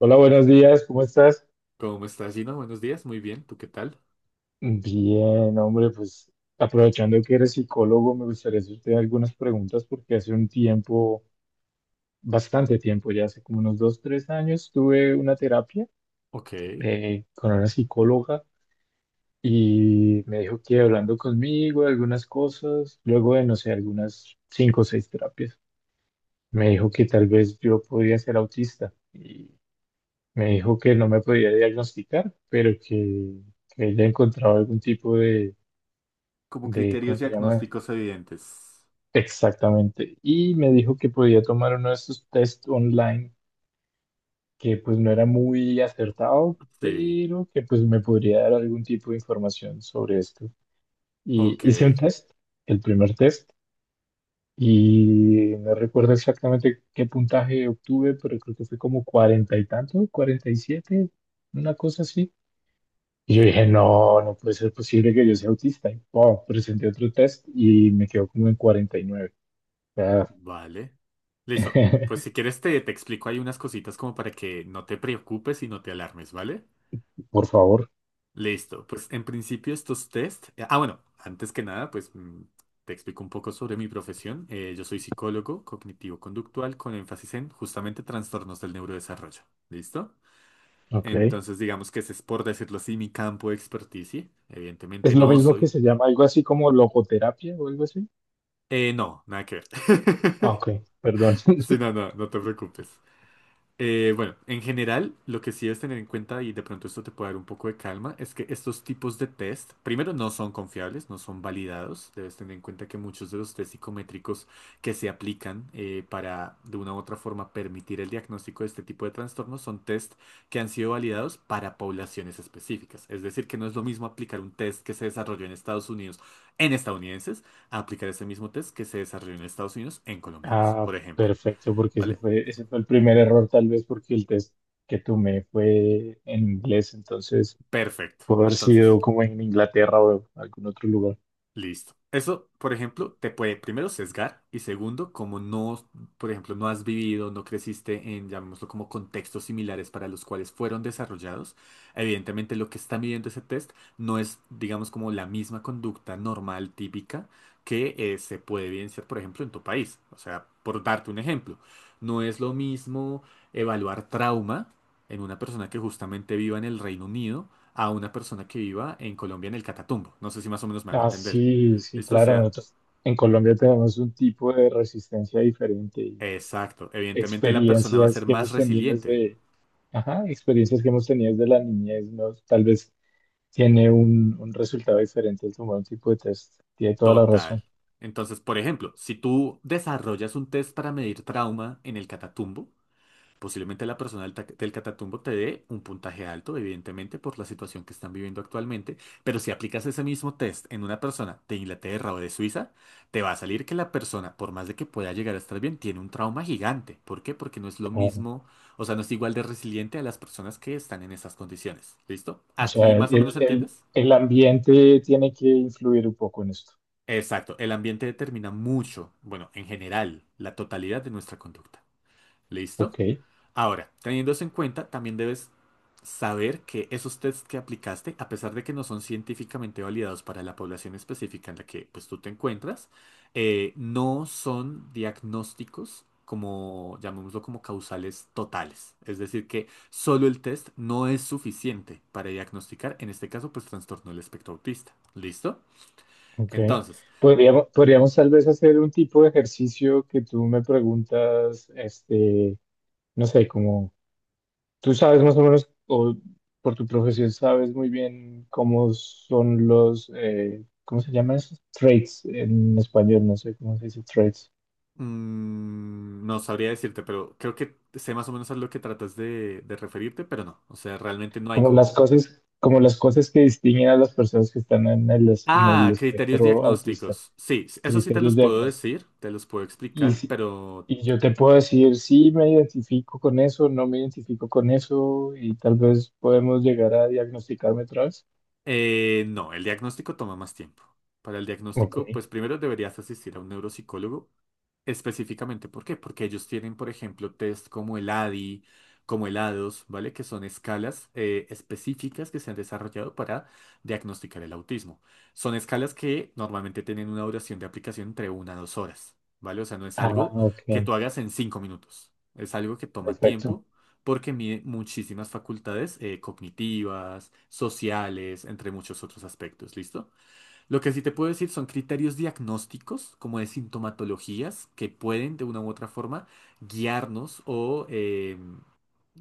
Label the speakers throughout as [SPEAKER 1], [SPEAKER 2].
[SPEAKER 1] Hola, buenos días, ¿cómo estás?
[SPEAKER 2] ¿Cómo estás, Gino? Buenos días, muy bien, ¿tú qué tal?
[SPEAKER 1] Bien, hombre, pues aprovechando que eres psicólogo, me gustaría hacerte algunas preguntas porque hace un tiempo, bastante tiempo, ya hace como unos 2, 3 años, tuve una terapia
[SPEAKER 2] Ok,
[SPEAKER 1] con una psicóloga y me dijo que hablando conmigo de algunas cosas, luego de, no sé, algunas cinco o seis terapias, me dijo que tal vez yo podía ser autista y me dijo que no me podía diagnosticar, pero que ella encontraba algún tipo de
[SPEAKER 2] como
[SPEAKER 1] de, ¿cómo
[SPEAKER 2] criterios
[SPEAKER 1] se llama?
[SPEAKER 2] diagnósticos evidentes.
[SPEAKER 1] Exactamente. Y me dijo que podía tomar uno de esos test online que pues no era muy acertado,
[SPEAKER 2] Sí,
[SPEAKER 1] pero que pues me podría dar algún tipo de información sobre esto. Y
[SPEAKER 2] ok,
[SPEAKER 1] hice un test, el primer test, y no recuerdo exactamente qué puntaje obtuve, pero creo que fue como cuarenta y tanto, 47, una cosa así. Y yo dije, no, no puede ser posible que yo sea autista. Y, pum, presenté otro test y me quedó como en 49. O sea,
[SPEAKER 2] vale. Listo, pues si quieres te explico ahí unas cositas como para que no te preocupes y no te alarmes, ¿vale?
[SPEAKER 1] por favor.
[SPEAKER 2] Listo, pues en principio estos test. Ah, bueno, antes que nada, pues te explico un poco sobre mi profesión. Yo soy psicólogo cognitivo-conductual con énfasis en justamente trastornos del neurodesarrollo. ¿Listo?
[SPEAKER 1] Ok.
[SPEAKER 2] Entonces, digamos que ese es, por decirlo así, mi campo de experticia.
[SPEAKER 1] Es
[SPEAKER 2] Evidentemente
[SPEAKER 1] lo
[SPEAKER 2] no
[SPEAKER 1] mismo que
[SPEAKER 2] soy.
[SPEAKER 1] se llama algo así como logoterapia o algo así.
[SPEAKER 2] No, nada que ver.
[SPEAKER 1] Ah, ok, perdón.
[SPEAKER 2] Sí, no, no, no te preocupes. Bueno, en general, lo que sí debes tener en cuenta, y de pronto esto te puede dar un poco de calma, es que estos tipos de test, primero, no son confiables, no son validados. Debes tener en cuenta que muchos de los test psicométricos que se aplican para, de una u otra forma, permitir el diagnóstico de este tipo de trastornos son test que han sido validados para poblaciones específicas. Es decir, que no es lo mismo aplicar un test que se desarrolló en Estados Unidos en estadounidenses a aplicar ese mismo test que se desarrolló en Estados Unidos en colombianos,
[SPEAKER 1] Ah,
[SPEAKER 2] por ejemplo.
[SPEAKER 1] perfecto, porque
[SPEAKER 2] ¿Vale?
[SPEAKER 1] ese fue el primer error, tal vez porque el test que tomé fue en inglés, entonces
[SPEAKER 2] Perfecto.
[SPEAKER 1] pudo haber
[SPEAKER 2] Entonces,
[SPEAKER 1] sido como en Inglaterra o algún otro lugar.
[SPEAKER 2] listo. Eso, por ejemplo, te puede primero sesgar y segundo, como no, por ejemplo, no has vivido, no creciste en, llamémoslo como contextos similares para los cuales fueron desarrollados, evidentemente lo que está midiendo ese test no es, digamos, como la misma conducta normal, típica, que se puede evidenciar, por ejemplo, en tu país. O sea, por darte un ejemplo, no es lo mismo evaluar trauma en una persona que justamente viva en el Reino Unido a una persona que viva en Colombia en el Catatumbo. No sé si más o menos me hago
[SPEAKER 1] Ah,
[SPEAKER 2] entender.
[SPEAKER 1] sí, sí,
[SPEAKER 2] Listo, o
[SPEAKER 1] claro,
[SPEAKER 2] sea,
[SPEAKER 1] nosotros en Colombia tenemos un tipo de resistencia diferente y
[SPEAKER 2] exacto. Evidentemente la persona va a
[SPEAKER 1] experiencias
[SPEAKER 2] ser
[SPEAKER 1] que
[SPEAKER 2] más
[SPEAKER 1] hemos tenido
[SPEAKER 2] resiliente.
[SPEAKER 1] desde, ajá, experiencias que hemos tenido desde la niñez, ¿no? Tal vez tiene un resultado diferente al tomar un tipo de test. Tiene toda la razón.
[SPEAKER 2] Total. Entonces, por ejemplo, si tú desarrollas un test para medir trauma en el Catatumbo, posiblemente la persona del Catatumbo te dé un puntaje alto, evidentemente, por la situación que están viviendo actualmente, pero si aplicas ese mismo test en una persona de Inglaterra o de Suiza, te va a salir que la persona, por más de que pueda llegar a estar bien, tiene un trauma gigante. ¿Por qué? Porque no es lo
[SPEAKER 1] Claro.
[SPEAKER 2] mismo, o sea, no es igual de resiliente a las personas que están en esas condiciones. ¿Listo?
[SPEAKER 1] O
[SPEAKER 2] ¿Aquí
[SPEAKER 1] sea,
[SPEAKER 2] más o menos entiendes?
[SPEAKER 1] el ambiente tiene que influir un poco en esto.
[SPEAKER 2] Exacto, el ambiente determina mucho, bueno, en general, la totalidad de nuestra conducta. ¿Listo?
[SPEAKER 1] Ok,
[SPEAKER 2] Ahora, teniendo eso en cuenta, también debes saber que esos tests que aplicaste, a pesar de que no son científicamente validados para la población específica en la que pues, tú te encuentras, no son diagnósticos como, llamémoslo como causales totales. Es decir, que solo el test no es suficiente para diagnosticar, en este caso, pues trastorno del espectro autista. ¿Listo?
[SPEAKER 1] ok.
[SPEAKER 2] Entonces,
[SPEAKER 1] Podríamos tal vez hacer un tipo de ejercicio que tú me preguntas, este, no sé, como tú sabes más o menos, o por tu profesión sabes muy bien cómo son los, ¿cómo se llaman esos? Traits en español, no sé cómo se dice traits.
[SPEAKER 2] No sabría decirte, pero creo que sé más o menos a lo que tratas de referirte, pero no. O sea, realmente no hay como.
[SPEAKER 1] Como las cosas que distinguen a las personas que están en en el
[SPEAKER 2] Ah, criterios
[SPEAKER 1] espectro autista,
[SPEAKER 2] diagnósticos. Sí, eso sí te
[SPEAKER 1] criterios
[SPEAKER 2] los
[SPEAKER 1] de
[SPEAKER 2] puedo
[SPEAKER 1] diagnóstico.
[SPEAKER 2] decir, te los puedo
[SPEAKER 1] Y,
[SPEAKER 2] explicar,
[SPEAKER 1] si-
[SPEAKER 2] pero
[SPEAKER 1] Y yo te puedo decir, sí, me identifico con eso, no me identifico con eso, y tal vez podemos llegar a diagnosticarme otra vez.
[SPEAKER 2] no, el diagnóstico toma más tiempo. Para el
[SPEAKER 1] Ok.
[SPEAKER 2] diagnóstico, pues primero deberías asistir a un neuropsicólogo. Específicamente, ¿por qué? Porque ellos tienen, por ejemplo, test como el ADI, como el ADOS, ¿vale? Que son escalas específicas que se han desarrollado para diagnosticar el autismo. Son escalas que normalmente tienen una duración de aplicación entre 1 a 2 horas, ¿vale? O sea, no es
[SPEAKER 1] Ah,
[SPEAKER 2] algo que
[SPEAKER 1] ok.
[SPEAKER 2] tú hagas en 5 minutos. Es algo que toma
[SPEAKER 1] Perfecto.
[SPEAKER 2] tiempo porque mide muchísimas facultades cognitivas, sociales, entre muchos otros aspectos, ¿listo? Lo que sí te puedo decir son criterios diagnósticos, como de sintomatologías, que pueden de una u otra forma guiarnos o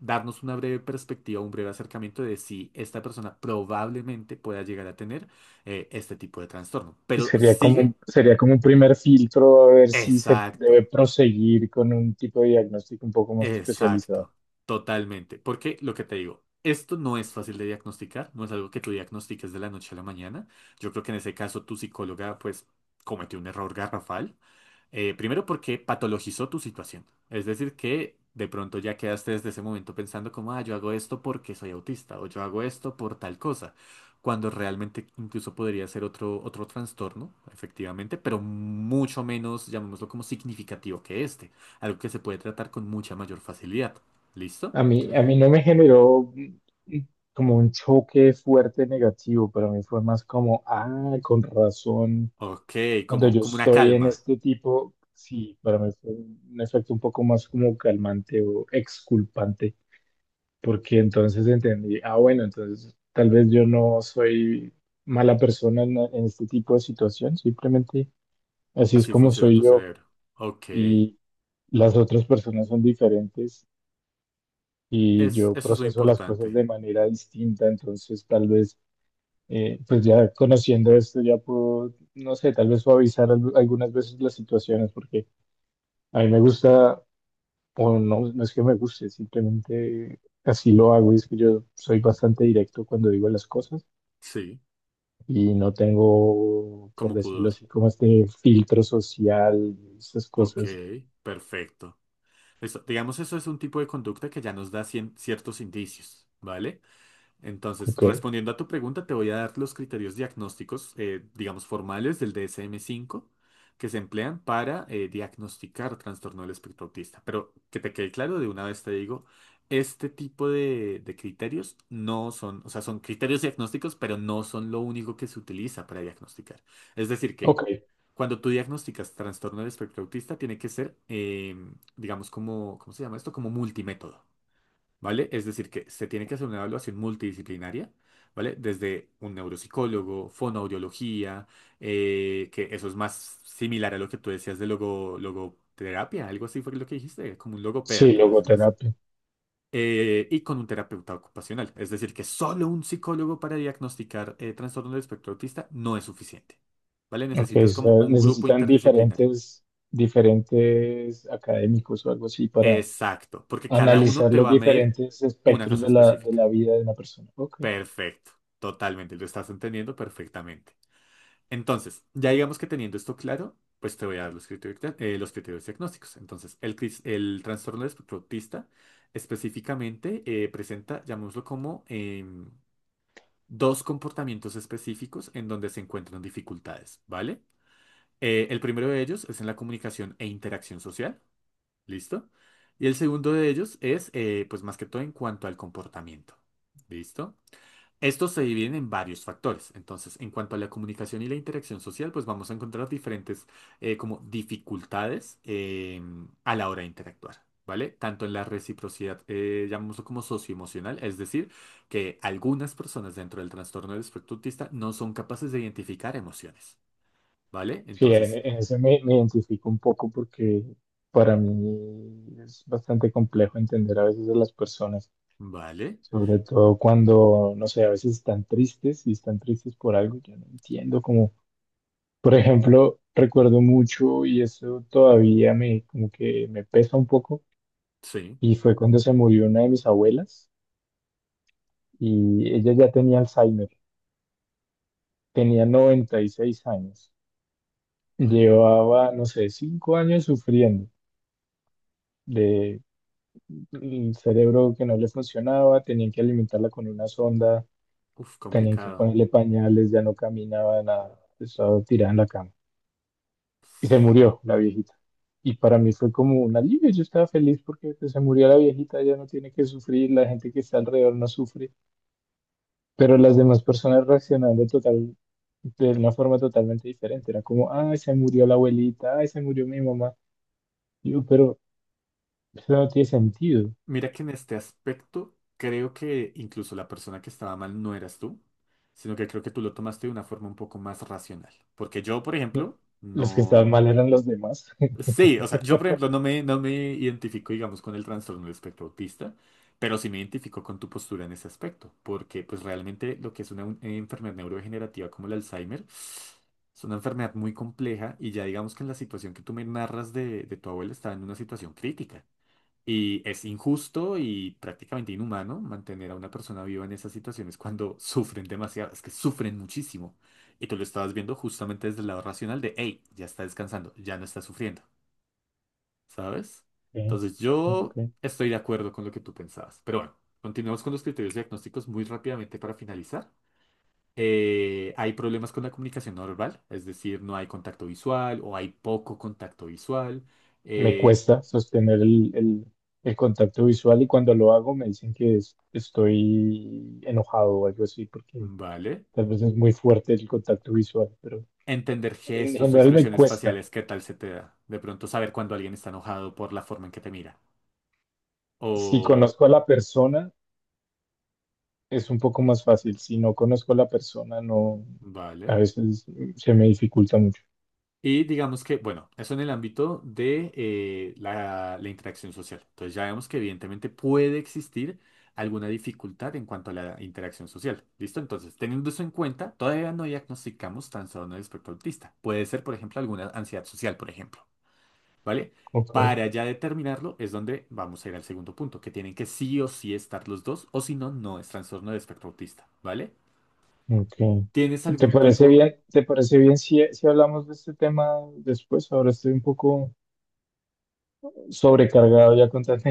[SPEAKER 2] darnos una breve perspectiva, un breve acercamiento de si esta persona probablemente pueda llegar a tener este tipo de trastorno. Pero sigue.
[SPEAKER 1] Sería como un primer filtro a ver si se debe
[SPEAKER 2] Exacto,
[SPEAKER 1] proseguir con un tipo de diagnóstico un poco más especializado.
[SPEAKER 2] exacto, totalmente. Porque lo que te digo, esto no es fácil de diagnosticar, no es algo que tú diagnostiques de la noche a la mañana. Yo creo que en ese caso tu psicóloga pues cometió un error garrafal. Primero porque patologizó tu situación. Es decir, que de pronto ya quedaste desde ese momento pensando como, ah, yo hago esto porque soy autista o yo hago esto por tal cosa, cuando realmente incluso podría ser otro, otro trastorno, efectivamente, pero mucho menos, llamémoslo como significativo que este, algo que se puede tratar con mucha mayor facilidad. ¿Listo?
[SPEAKER 1] A mí no me generó como un choque fuerte negativo, para mí fue más como, ah, con razón,
[SPEAKER 2] Ok,
[SPEAKER 1] cuando
[SPEAKER 2] como,
[SPEAKER 1] yo
[SPEAKER 2] como una
[SPEAKER 1] estoy en
[SPEAKER 2] calma.
[SPEAKER 1] este tipo, sí, para mí fue un efecto un poco más como calmante o exculpante, porque entonces entendí, ah, bueno, entonces tal vez yo no soy mala persona en este tipo de situación, simplemente así es
[SPEAKER 2] Así
[SPEAKER 1] como
[SPEAKER 2] funciona
[SPEAKER 1] soy
[SPEAKER 2] tu
[SPEAKER 1] yo
[SPEAKER 2] cerebro. Ok.
[SPEAKER 1] y las otras personas son diferentes y
[SPEAKER 2] Es,
[SPEAKER 1] yo
[SPEAKER 2] eso es lo
[SPEAKER 1] proceso las cosas
[SPEAKER 2] importante.
[SPEAKER 1] de manera distinta, entonces tal vez, pues ya conociendo esto, ya puedo, no sé, tal vez suavizar algunas veces las situaciones, porque a mí me gusta, o no, no es que me guste, simplemente así lo hago, y es que yo soy bastante directo cuando digo las cosas
[SPEAKER 2] Sí,
[SPEAKER 1] y no tengo, por
[SPEAKER 2] como
[SPEAKER 1] decirlo
[SPEAKER 2] pudor.
[SPEAKER 1] así, como este filtro social, esas
[SPEAKER 2] Ok,
[SPEAKER 1] cosas,
[SPEAKER 2] perfecto. Eso, digamos, eso es un tipo de conducta que ya nos da ciertos indicios, ¿vale? Entonces,
[SPEAKER 1] ok,
[SPEAKER 2] respondiendo a tu pregunta, te voy a dar los criterios diagnósticos, digamos, formales del DSM-5 que se emplean para diagnosticar trastorno del espectro autista. Pero que te quede claro, de una vez te digo, este tipo de criterios no son, o sea, son criterios diagnósticos, pero no son lo único que se utiliza para diagnosticar. Es decir, que
[SPEAKER 1] ok.
[SPEAKER 2] cuando tú diagnosticas trastorno del espectro autista, tiene que ser, digamos, como, ¿cómo se llama esto? Como multimétodo. ¿Vale? Es decir, que se tiene que hacer una evaluación multidisciplinaria, ¿vale? Desde un neuropsicólogo, fonoaudiología, que eso es más similar a lo que tú decías de logoterapia, algo así fue lo que dijiste, como un
[SPEAKER 1] Sí,
[SPEAKER 2] logopeda, por decirlo así.
[SPEAKER 1] logoterapia.
[SPEAKER 2] Y con un terapeuta ocupacional, es decir, que solo un psicólogo para diagnosticar trastorno del espectro autista no es suficiente, ¿vale?
[SPEAKER 1] Ok, o
[SPEAKER 2] Necesitas
[SPEAKER 1] sea,
[SPEAKER 2] como un grupo
[SPEAKER 1] necesitan
[SPEAKER 2] interdisciplinario.
[SPEAKER 1] diferentes, diferentes académicos o algo así para
[SPEAKER 2] Exacto, porque cada uno
[SPEAKER 1] analizar
[SPEAKER 2] te
[SPEAKER 1] los
[SPEAKER 2] va a medir
[SPEAKER 1] diferentes
[SPEAKER 2] una
[SPEAKER 1] espectros
[SPEAKER 2] cosa
[SPEAKER 1] de
[SPEAKER 2] específica.
[SPEAKER 1] la vida de una persona. Ok,
[SPEAKER 2] Perfecto, totalmente, lo estás entendiendo perfectamente. Entonces, ya digamos que teniendo esto claro, pues te voy a dar los criterios, los criterios diagnósticos. Entonces, el trastorno del espectro autista específicamente presenta, llamémoslo como, dos comportamientos específicos en donde se encuentran dificultades, ¿vale? El primero de ellos es en la comunicación e interacción social, ¿listo? Y el segundo de ellos es, pues más que todo, en cuanto al comportamiento, ¿listo? Estos se dividen en varios factores. Entonces, en cuanto a la comunicación y la interacción social, pues vamos a encontrar diferentes como dificultades a la hora de interactuar, ¿vale? Tanto en la reciprocidad, llamémoslo como socioemocional, es decir, que algunas personas dentro del trastorno del espectro autista no son capaces de identificar emociones, ¿vale?
[SPEAKER 1] sí, en,
[SPEAKER 2] Entonces,
[SPEAKER 1] en eso me identifico un poco porque para mí es bastante complejo entender a veces a las personas,
[SPEAKER 2] ¿vale?
[SPEAKER 1] sobre todo cuando, no sé, a veces están tristes y están tristes por algo, que no entiendo como, por ejemplo, recuerdo mucho y eso todavía como que me pesa un poco
[SPEAKER 2] Sí,
[SPEAKER 1] y fue cuando se murió una de mis abuelas y ella ya tenía Alzheimer, tenía 96 años,
[SPEAKER 2] ¿vale?
[SPEAKER 1] llevaba, no sé, 5 años sufriendo de el cerebro que no le funcionaba, tenían que alimentarla con una sonda,
[SPEAKER 2] Uf,
[SPEAKER 1] tenían que
[SPEAKER 2] complicado.
[SPEAKER 1] ponerle pañales, ya no caminaba nada, estaba tirada en la cama y se murió la viejita. Y para mí fue como un alivio, yo estaba feliz porque pues, se murió la viejita, ya no tiene que sufrir, la gente que está alrededor no sufre. Pero las demás personas reaccionando total, de una forma totalmente diferente. Era como, ay, se murió la abuelita, ay, se murió mi mamá. Y yo, pero eso no tiene sentido.
[SPEAKER 2] Mira que en este aspecto creo que incluso la persona que estaba mal no eras tú, sino que creo que tú lo tomaste de una forma un poco más racional. Porque yo, por
[SPEAKER 1] No-
[SPEAKER 2] ejemplo,
[SPEAKER 1] Los que estaban
[SPEAKER 2] no.
[SPEAKER 1] mal eran los demás.
[SPEAKER 2] Sí, o sea, yo, por ejemplo, no me identifico, digamos, con el trastorno del espectro autista, pero sí me identifico con tu postura en ese aspecto, porque pues realmente lo que es una enfermedad neurodegenerativa como el Alzheimer es una enfermedad muy compleja y ya digamos que en la situación que tú me narras de tu abuela estaba en una situación crítica. Y es injusto y prácticamente inhumano mantener a una persona viva en esas situaciones cuando sufren demasiado, es que sufren muchísimo. Y tú lo estabas viendo justamente desde el lado racional de, hey, ya está descansando, ya no está sufriendo, ¿sabes?
[SPEAKER 1] Ok,
[SPEAKER 2] Entonces yo
[SPEAKER 1] ok.
[SPEAKER 2] estoy de acuerdo con lo que tú pensabas. Pero bueno, continuamos con los criterios diagnósticos muy rápidamente para finalizar. Hay problemas con la comunicación no verbal, es decir, no hay contacto visual o hay poco contacto visual.
[SPEAKER 1] Me
[SPEAKER 2] Eh,
[SPEAKER 1] cuesta sostener el contacto visual y cuando lo hago me dicen que estoy enojado o algo así, porque
[SPEAKER 2] vale.
[SPEAKER 1] tal vez es muy fuerte el contacto visual, pero
[SPEAKER 2] Entender
[SPEAKER 1] en
[SPEAKER 2] gestos o
[SPEAKER 1] general me
[SPEAKER 2] expresiones
[SPEAKER 1] cuesta.
[SPEAKER 2] faciales, ¿qué tal se te da? De pronto saber cuando alguien está enojado por la forma en que te mira.
[SPEAKER 1] Si
[SPEAKER 2] O,
[SPEAKER 1] conozco a la persona, es un poco más fácil. Si no conozco a la persona, no, a
[SPEAKER 2] vale.
[SPEAKER 1] veces se me dificulta mucho.
[SPEAKER 2] Y digamos que, bueno, eso en el ámbito de la interacción social. Entonces ya vemos que evidentemente puede existir alguna dificultad en cuanto a la interacción social. ¿Listo? Entonces, teniendo eso en cuenta, todavía no diagnosticamos trastorno de espectro autista. Puede ser, por ejemplo, alguna ansiedad social, por ejemplo. ¿Vale?
[SPEAKER 1] Ok,
[SPEAKER 2] Para ya determinarlo es donde vamos a ir al segundo punto, que tienen que sí o sí estar los dos, o si no, no es trastorno de espectro autista, ¿vale?
[SPEAKER 1] ok.
[SPEAKER 2] ¿Tienes
[SPEAKER 1] ¿Te
[SPEAKER 2] algún
[SPEAKER 1] parece
[SPEAKER 2] tipo?
[SPEAKER 1] bien? ¿Te parece bien si hablamos de este tema después? Ahora estoy un poco sobrecargado ya con tanta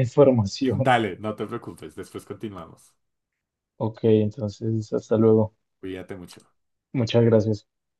[SPEAKER 1] información.
[SPEAKER 2] Dale, no te preocupes, después continuamos.
[SPEAKER 1] Ok, entonces, hasta luego.
[SPEAKER 2] Cuídate mucho.
[SPEAKER 1] Muchas gracias.